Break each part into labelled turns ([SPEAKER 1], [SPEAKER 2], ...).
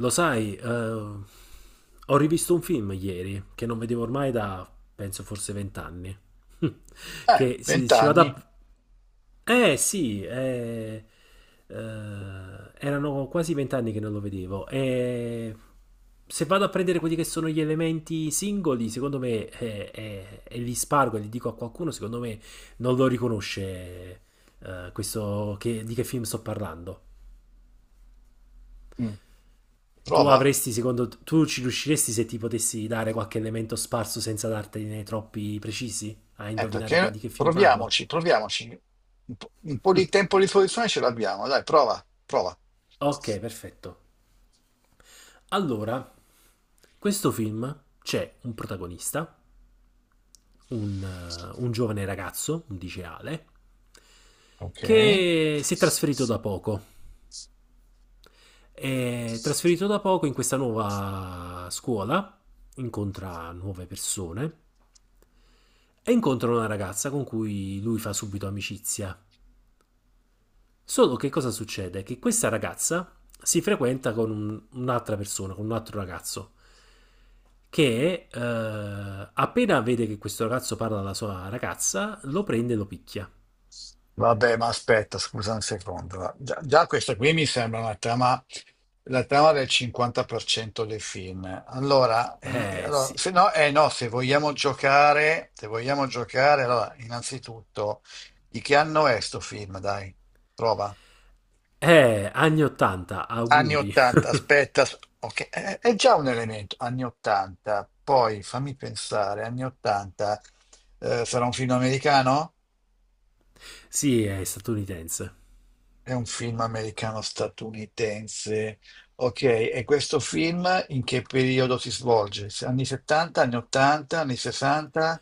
[SPEAKER 1] Ho rivisto un film ieri che non vedevo ormai da, penso, forse vent'anni. Che se ci vado
[SPEAKER 2] 20 anni.
[SPEAKER 1] a... Eh sì, eh, erano quasi vent'anni che non lo vedevo. E se vado a prendere quelli che sono gli elementi singoli, secondo me, e li spargo e li dico a qualcuno, secondo me non lo riconosce, di che film sto parlando.
[SPEAKER 2] Mm.
[SPEAKER 1] Tu
[SPEAKER 2] Prova.
[SPEAKER 1] avresti, secondo tu ci riusciresti se ti potessi dare qualche elemento sparso senza dartene troppi precisi a indovinare di
[SPEAKER 2] Perché
[SPEAKER 1] che film parlo?
[SPEAKER 2] proviamoci, proviamoci. Un po' di tempo di soluzione ce l'abbiamo. Dai, prova, prova.
[SPEAKER 1] Ok, perfetto. Allora, questo film c'è un protagonista, un giovane ragazzo, un liceale,
[SPEAKER 2] Ok.
[SPEAKER 1] che si è trasferito da poco. È trasferito da poco in questa nuova scuola, incontra nuove persone e incontra una ragazza con cui lui fa subito amicizia. Solo che cosa succede? Che questa ragazza si frequenta con un'altra persona, con un altro ragazzo, che appena vede che questo ragazzo parla alla sua ragazza, lo prende e lo picchia.
[SPEAKER 2] Vabbè, ma aspetta, scusa un secondo. Va. Già, già questa qui mi sembra una trama, la trama del 50% dei film. Allora,
[SPEAKER 1] Eh
[SPEAKER 2] allora,
[SPEAKER 1] sì.
[SPEAKER 2] se no, eh no, se vogliamo giocare, allora, innanzitutto, di che anno è sto film? Dai, prova.
[SPEAKER 1] Anni 80,
[SPEAKER 2] Anni
[SPEAKER 1] auguri.
[SPEAKER 2] 80, aspetta, ok, è già un elemento, anni 80, poi fammi pensare, anni 80, sarà un film americano?
[SPEAKER 1] Sì, è statunitense.
[SPEAKER 2] È un film americano-statunitense, ok, e questo film in che periodo si svolge? Anni 70, anni 80, anni 60,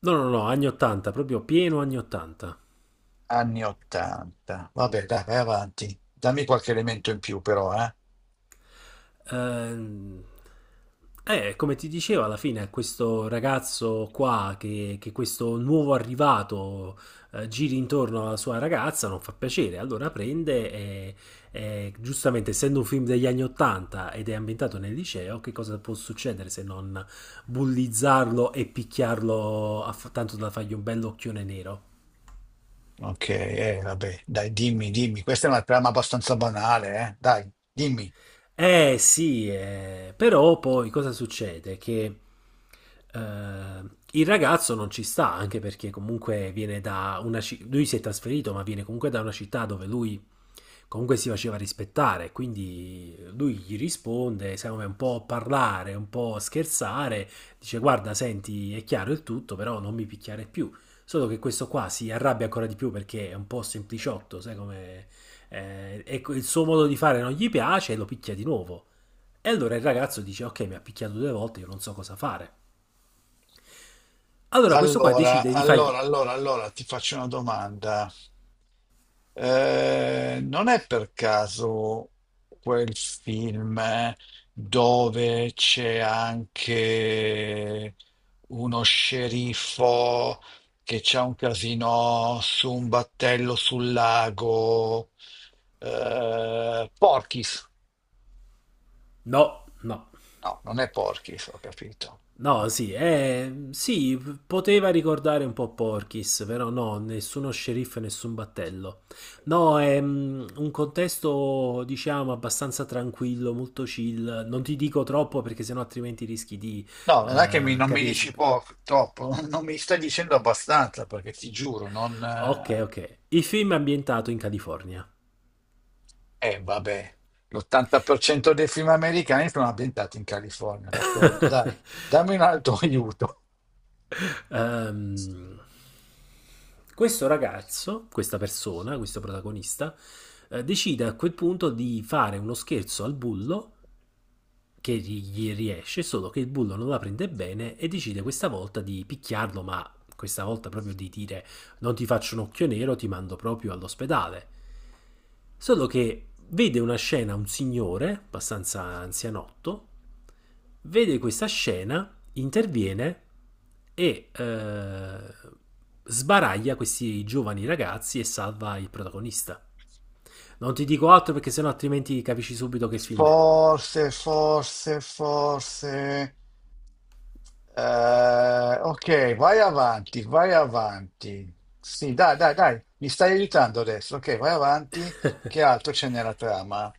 [SPEAKER 1] No, no, no, anni 80, proprio pieno anni 80.
[SPEAKER 2] anni 80, vabbè, dai, vai avanti, dammi qualche elemento in più però, eh?
[SPEAKER 1] Ehm, Come ti dicevo, alla fine questo ragazzo qua, che questo nuovo arrivato giri intorno alla sua ragazza, non fa piacere. Allora prende e, giustamente, essendo un film degli anni 80 ed è ambientato nel liceo, che cosa può succedere se non bullizzarlo e tanto da fargli un bell'occhione nero?
[SPEAKER 2] Ok, vabbè, dai, dimmi, dimmi, questa è una trama abbastanza banale, eh? Dai, dimmi.
[SPEAKER 1] Eh sì, però poi cosa succede? Che eh, il ragazzo non ci sta, anche perché comunque viene da una città, lui si è trasferito, ma viene comunque da una città dove lui comunque si faceva rispettare, quindi lui gli risponde, secondo me un po' parlare, un po' scherzare, dice guarda, senti, è chiaro il tutto, però non mi picchiare più. Solo che questo qua si arrabbia ancora di più perché è un po' sempliciotto, sai come... e il suo modo di fare non gli piace e lo picchia di nuovo. E allora il ragazzo dice ok, mi ha picchiato 2 volte, io non so cosa fare. Allora questo qua
[SPEAKER 2] Allora,
[SPEAKER 1] decide di fargli...
[SPEAKER 2] allora, allora, allora ti faccio una domanda. Non è per caso quel film dove c'è anche uno sceriffo che c'ha un casino su un battello sul lago? Porky's.
[SPEAKER 1] No, no.
[SPEAKER 2] No, non è Porky's, ho capito.
[SPEAKER 1] No, sì, sì, poteva ricordare un po' Porky's, però no, nessuno sceriffo e nessun battello. No, è mm, un contesto, diciamo, abbastanza tranquillo, molto chill. Non ti dico troppo perché sennò altrimenti rischi di
[SPEAKER 2] No, non è che non mi
[SPEAKER 1] capire
[SPEAKER 2] dici
[SPEAKER 1] subito.
[SPEAKER 2] poco, troppo, non mi stai dicendo abbastanza perché ti giuro, non...
[SPEAKER 1] Ok, ok. Il film è ambientato in California.
[SPEAKER 2] Vabbè, l'80% dei film americani sono ambientati in California, d'accordo, dai, dammi un altro aiuto.
[SPEAKER 1] Ehm, Questo ragazzo, questa persona, questo protagonista, decide a quel punto di fare uno scherzo al bullo che gli riesce, solo che il bullo non la prende bene e decide questa volta di picchiarlo, ma questa volta proprio di dire non ti faccio un occhio nero, ti mando proprio all'ospedale. Solo che vede una scena, un signore, abbastanza anzianotto, vede questa scena, interviene e sbaraglia questi giovani ragazzi e salva il protagonista. Non ti dico altro perché sennò altrimenti capisci subito che film è.
[SPEAKER 2] Forse, forse, forse. Ok, vai avanti, vai avanti. Sì, dai, dai, dai, mi stai aiutando adesso. Ok, vai avanti. Che altro c'è nella trama?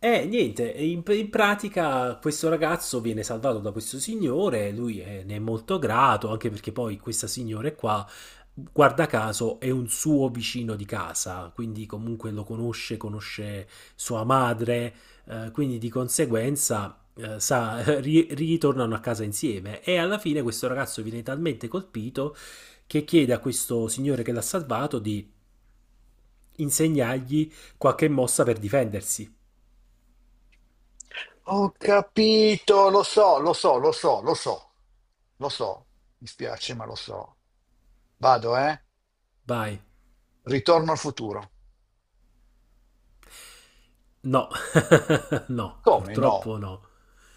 [SPEAKER 1] Niente, in pratica questo ragazzo viene salvato da questo signore, ne è molto grato, anche perché poi questa signora qua, guarda caso, è un suo vicino di casa, quindi comunque lo conosce, conosce sua madre, quindi di conseguenza, sa, ritornano a casa insieme e alla fine questo ragazzo viene talmente colpito che chiede a questo signore che l'ha salvato di insegnargli qualche mossa per difendersi.
[SPEAKER 2] Ho capito, lo so, lo so, lo so, lo so, lo so. Mi spiace, ma lo so. Vado, eh?
[SPEAKER 1] Vai.
[SPEAKER 2] Ritorno al futuro.
[SPEAKER 1] No. No,
[SPEAKER 2] Come no?
[SPEAKER 1] purtroppo no.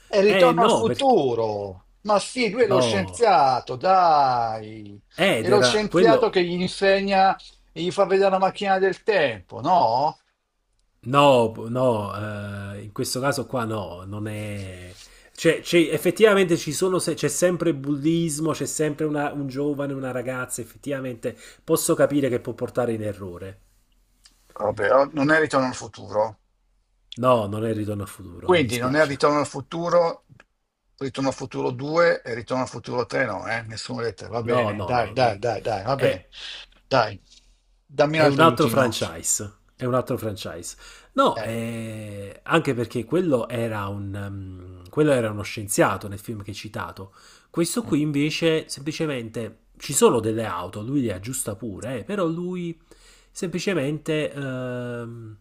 [SPEAKER 2] È
[SPEAKER 1] Eh
[SPEAKER 2] Ritorno al
[SPEAKER 1] no, perché...
[SPEAKER 2] futuro. Ma sì, lui è lo
[SPEAKER 1] No.
[SPEAKER 2] scienziato, dai.
[SPEAKER 1] Ed
[SPEAKER 2] È lo
[SPEAKER 1] era
[SPEAKER 2] scienziato
[SPEAKER 1] quello...
[SPEAKER 2] che gli insegna e gli fa vedere la macchina del tempo, no?
[SPEAKER 1] No, no, in questo caso qua no, non è... Cioè, effettivamente ci sono c'è sempre bullismo, c'è sempre un giovane, una ragazza, effettivamente posso capire che può portare in errore.
[SPEAKER 2] Vabbè, oh, non è Ritorno al futuro.
[SPEAKER 1] No, non è il ritorno al futuro, mi
[SPEAKER 2] Quindi non è
[SPEAKER 1] dispiace.
[SPEAKER 2] Ritorno al futuro 2 e Ritorno al futuro 3, no, eh? Nessuno lettera. Va
[SPEAKER 1] No,
[SPEAKER 2] bene,
[SPEAKER 1] no,
[SPEAKER 2] dai,
[SPEAKER 1] no. Mm.
[SPEAKER 2] dai, dai, dai, va
[SPEAKER 1] È.
[SPEAKER 2] bene. Dai, dammi un
[SPEAKER 1] È un
[SPEAKER 2] altro
[SPEAKER 1] altro
[SPEAKER 2] aiutino.
[SPEAKER 1] franchise. È un altro franchise. No,
[SPEAKER 2] Eh.
[SPEAKER 1] anche perché quello era, quello era uno scienziato nel film che hai citato. Questo qui invece semplicemente ci sono delle auto, lui le aggiusta pure, però lui semplicemente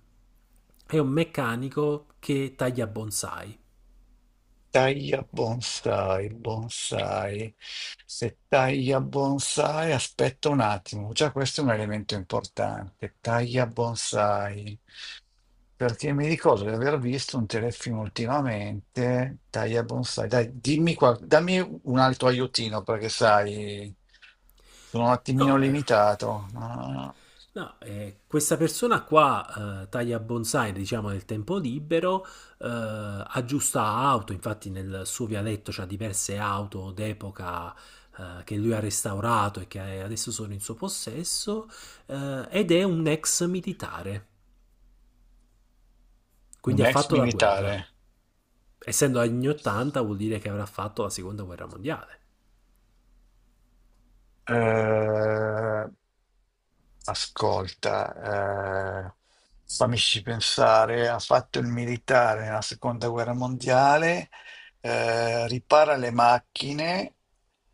[SPEAKER 1] è un meccanico che taglia bonsai.
[SPEAKER 2] Taglia bonsai, bonsai. Se taglia bonsai, aspetta un attimo, già questo è un elemento importante. Taglia bonsai, perché mi ricordo di aver visto un telefilm ultimamente. Taglia bonsai, dai, dimmi qua, dammi un altro aiutino perché sai, sono un attimino
[SPEAKER 1] No, eh.
[SPEAKER 2] limitato. Ah.
[SPEAKER 1] No, questa persona qua taglia bonsai, diciamo, nel tempo libero, eh, aggiusta auto, infatti nel suo vialetto c'ha diverse auto d'epoca, che lui ha restaurato e che adesso sono in suo possesso, ed è un ex militare, quindi
[SPEAKER 2] Un
[SPEAKER 1] ha
[SPEAKER 2] ex
[SPEAKER 1] fatto la
[SPEAKER 2] militare.
[SPEAKER 1] guerra. Essendo anni 80 vuol dire che avrà fatto la seconda guerra mondiale.
[SPEAKER 2] Eh, ascolta, fammici pensare, ha fatto il militare nella seconda guerra mondiale, ripara le macchine,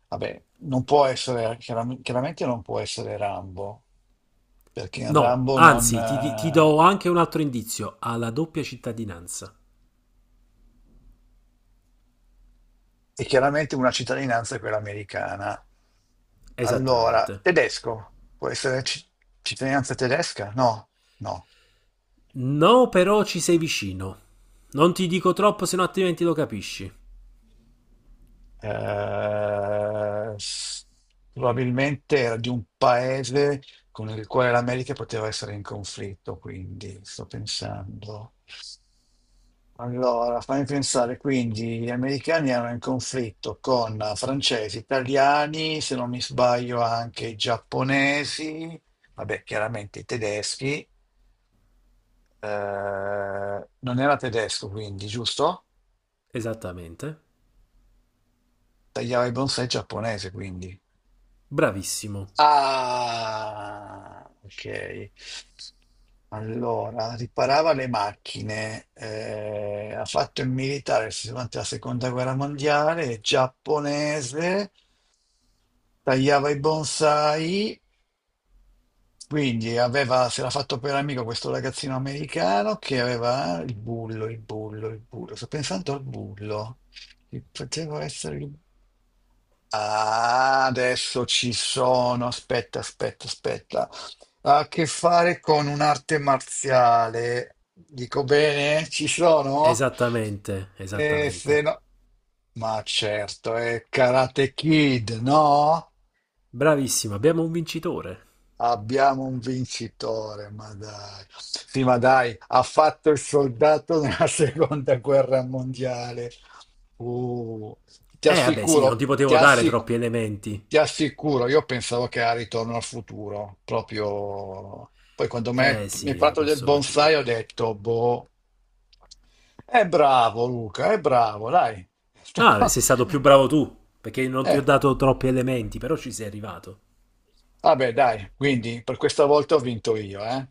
[SPEAKER 2] vabbè, non può essere, chiaramente non può essere Rambo, perché in
[SPEAKER 1] No,
[SPEAKER 2] Rambo non,
[SPEAKER 1] anzi, ti
[SPEAKER 2] eh,
[SPEAKER 1] do anche un altro indizio, ha la doppia cittadinanza.
[SPEAKER 2] è chiaramente una cittadinanza è quella americana. Allora,
[SPEAKER 1] Esattamente.
[SPEAKER 2] tedesco, può essere cittadinanza tedesca? No, no.
[SPEAKER 1] No, però ci sei vicino. Non ti dico troppo, se no altrimenti lo capisci.
[SPEAKER 2] eh, s- probabilmente era di un paese con il quale l'America poteva essere in conflitto, quindi sto pensando. Allora, fammi pensare, quindi gli americani erano in conflitto con francesi, italiani, se non mi sbaglio anche i giapponesi, vabbè, chiaramente i tedeschi, non era tedesco quindi, giusto?
[SPEAKER 1] Esattamente.
[SPEAKER 2] Tagliava i bonsai giapponese quindi.
[SPEAKER 1] Bravissimo.
[SPEAKER 2] Ah, ok. Allora, riparava le macchine, ha fatto il militare durante la seconda guerra mondiale, è giapponese, tagliava i bonsai, quindi aveva, se l'ha fatto per amico questo ragazzino americano che aveva il bullo, il bullo, il bullo. Sto pensando al bullo. Che poteva essere il... Ah, adesso ci sono, aspetta, aspetta, aspetta. Ha a che fare con un'arte marziale. Dico bene? Ci sono?
[SPEAKER 1] Esattamente,
[SPEAKER 2] E se
[SPEAKER 1] esattamente.
[SPEAKER 2] no... Ma certo, è Karate Kid, no?
[SPEAKER 1] Bravissimo, abbiamo un vincitore.
[SPEAKER 2] Abbiamo un vincitore, ma dai. Sì, ma dai, ha fatto il soldato nella seconda guerra mondiale. Uh, ti
[SPEAKER 1] Vabbè, sì, non
[SPEAKER 2] assicuro,
[SPEAKER 1] ti potevo dare troppi elementi.
[SPEAKER 2] ti assicuro, io pensavo che era Ritorno al futuro, proprio... Poi quando mi hai
[SPEAKER 1] Sì, la
[SPEAKER 2] parlato del
[SPEAKER 1] posso
[SPEAKER 2] bonsai
[SPEAKER 1] capire.
[SPEAKER 2] ho detto, boh, è bravo Luca, è bravo, dai. È
[SPEAKER 1] No, vabbè,
[SPEAKER 2] stato-
[SPEAKER 1] sei stato più bravo tu, perché non ti ho
[SPEAKER 2] Eh,
[SPEAKER 1] dato troppi elementi, però ci sei arrivato.
[SPEAKER 2] vabbè, dai, quindi per questa volta ho vinto io, eh.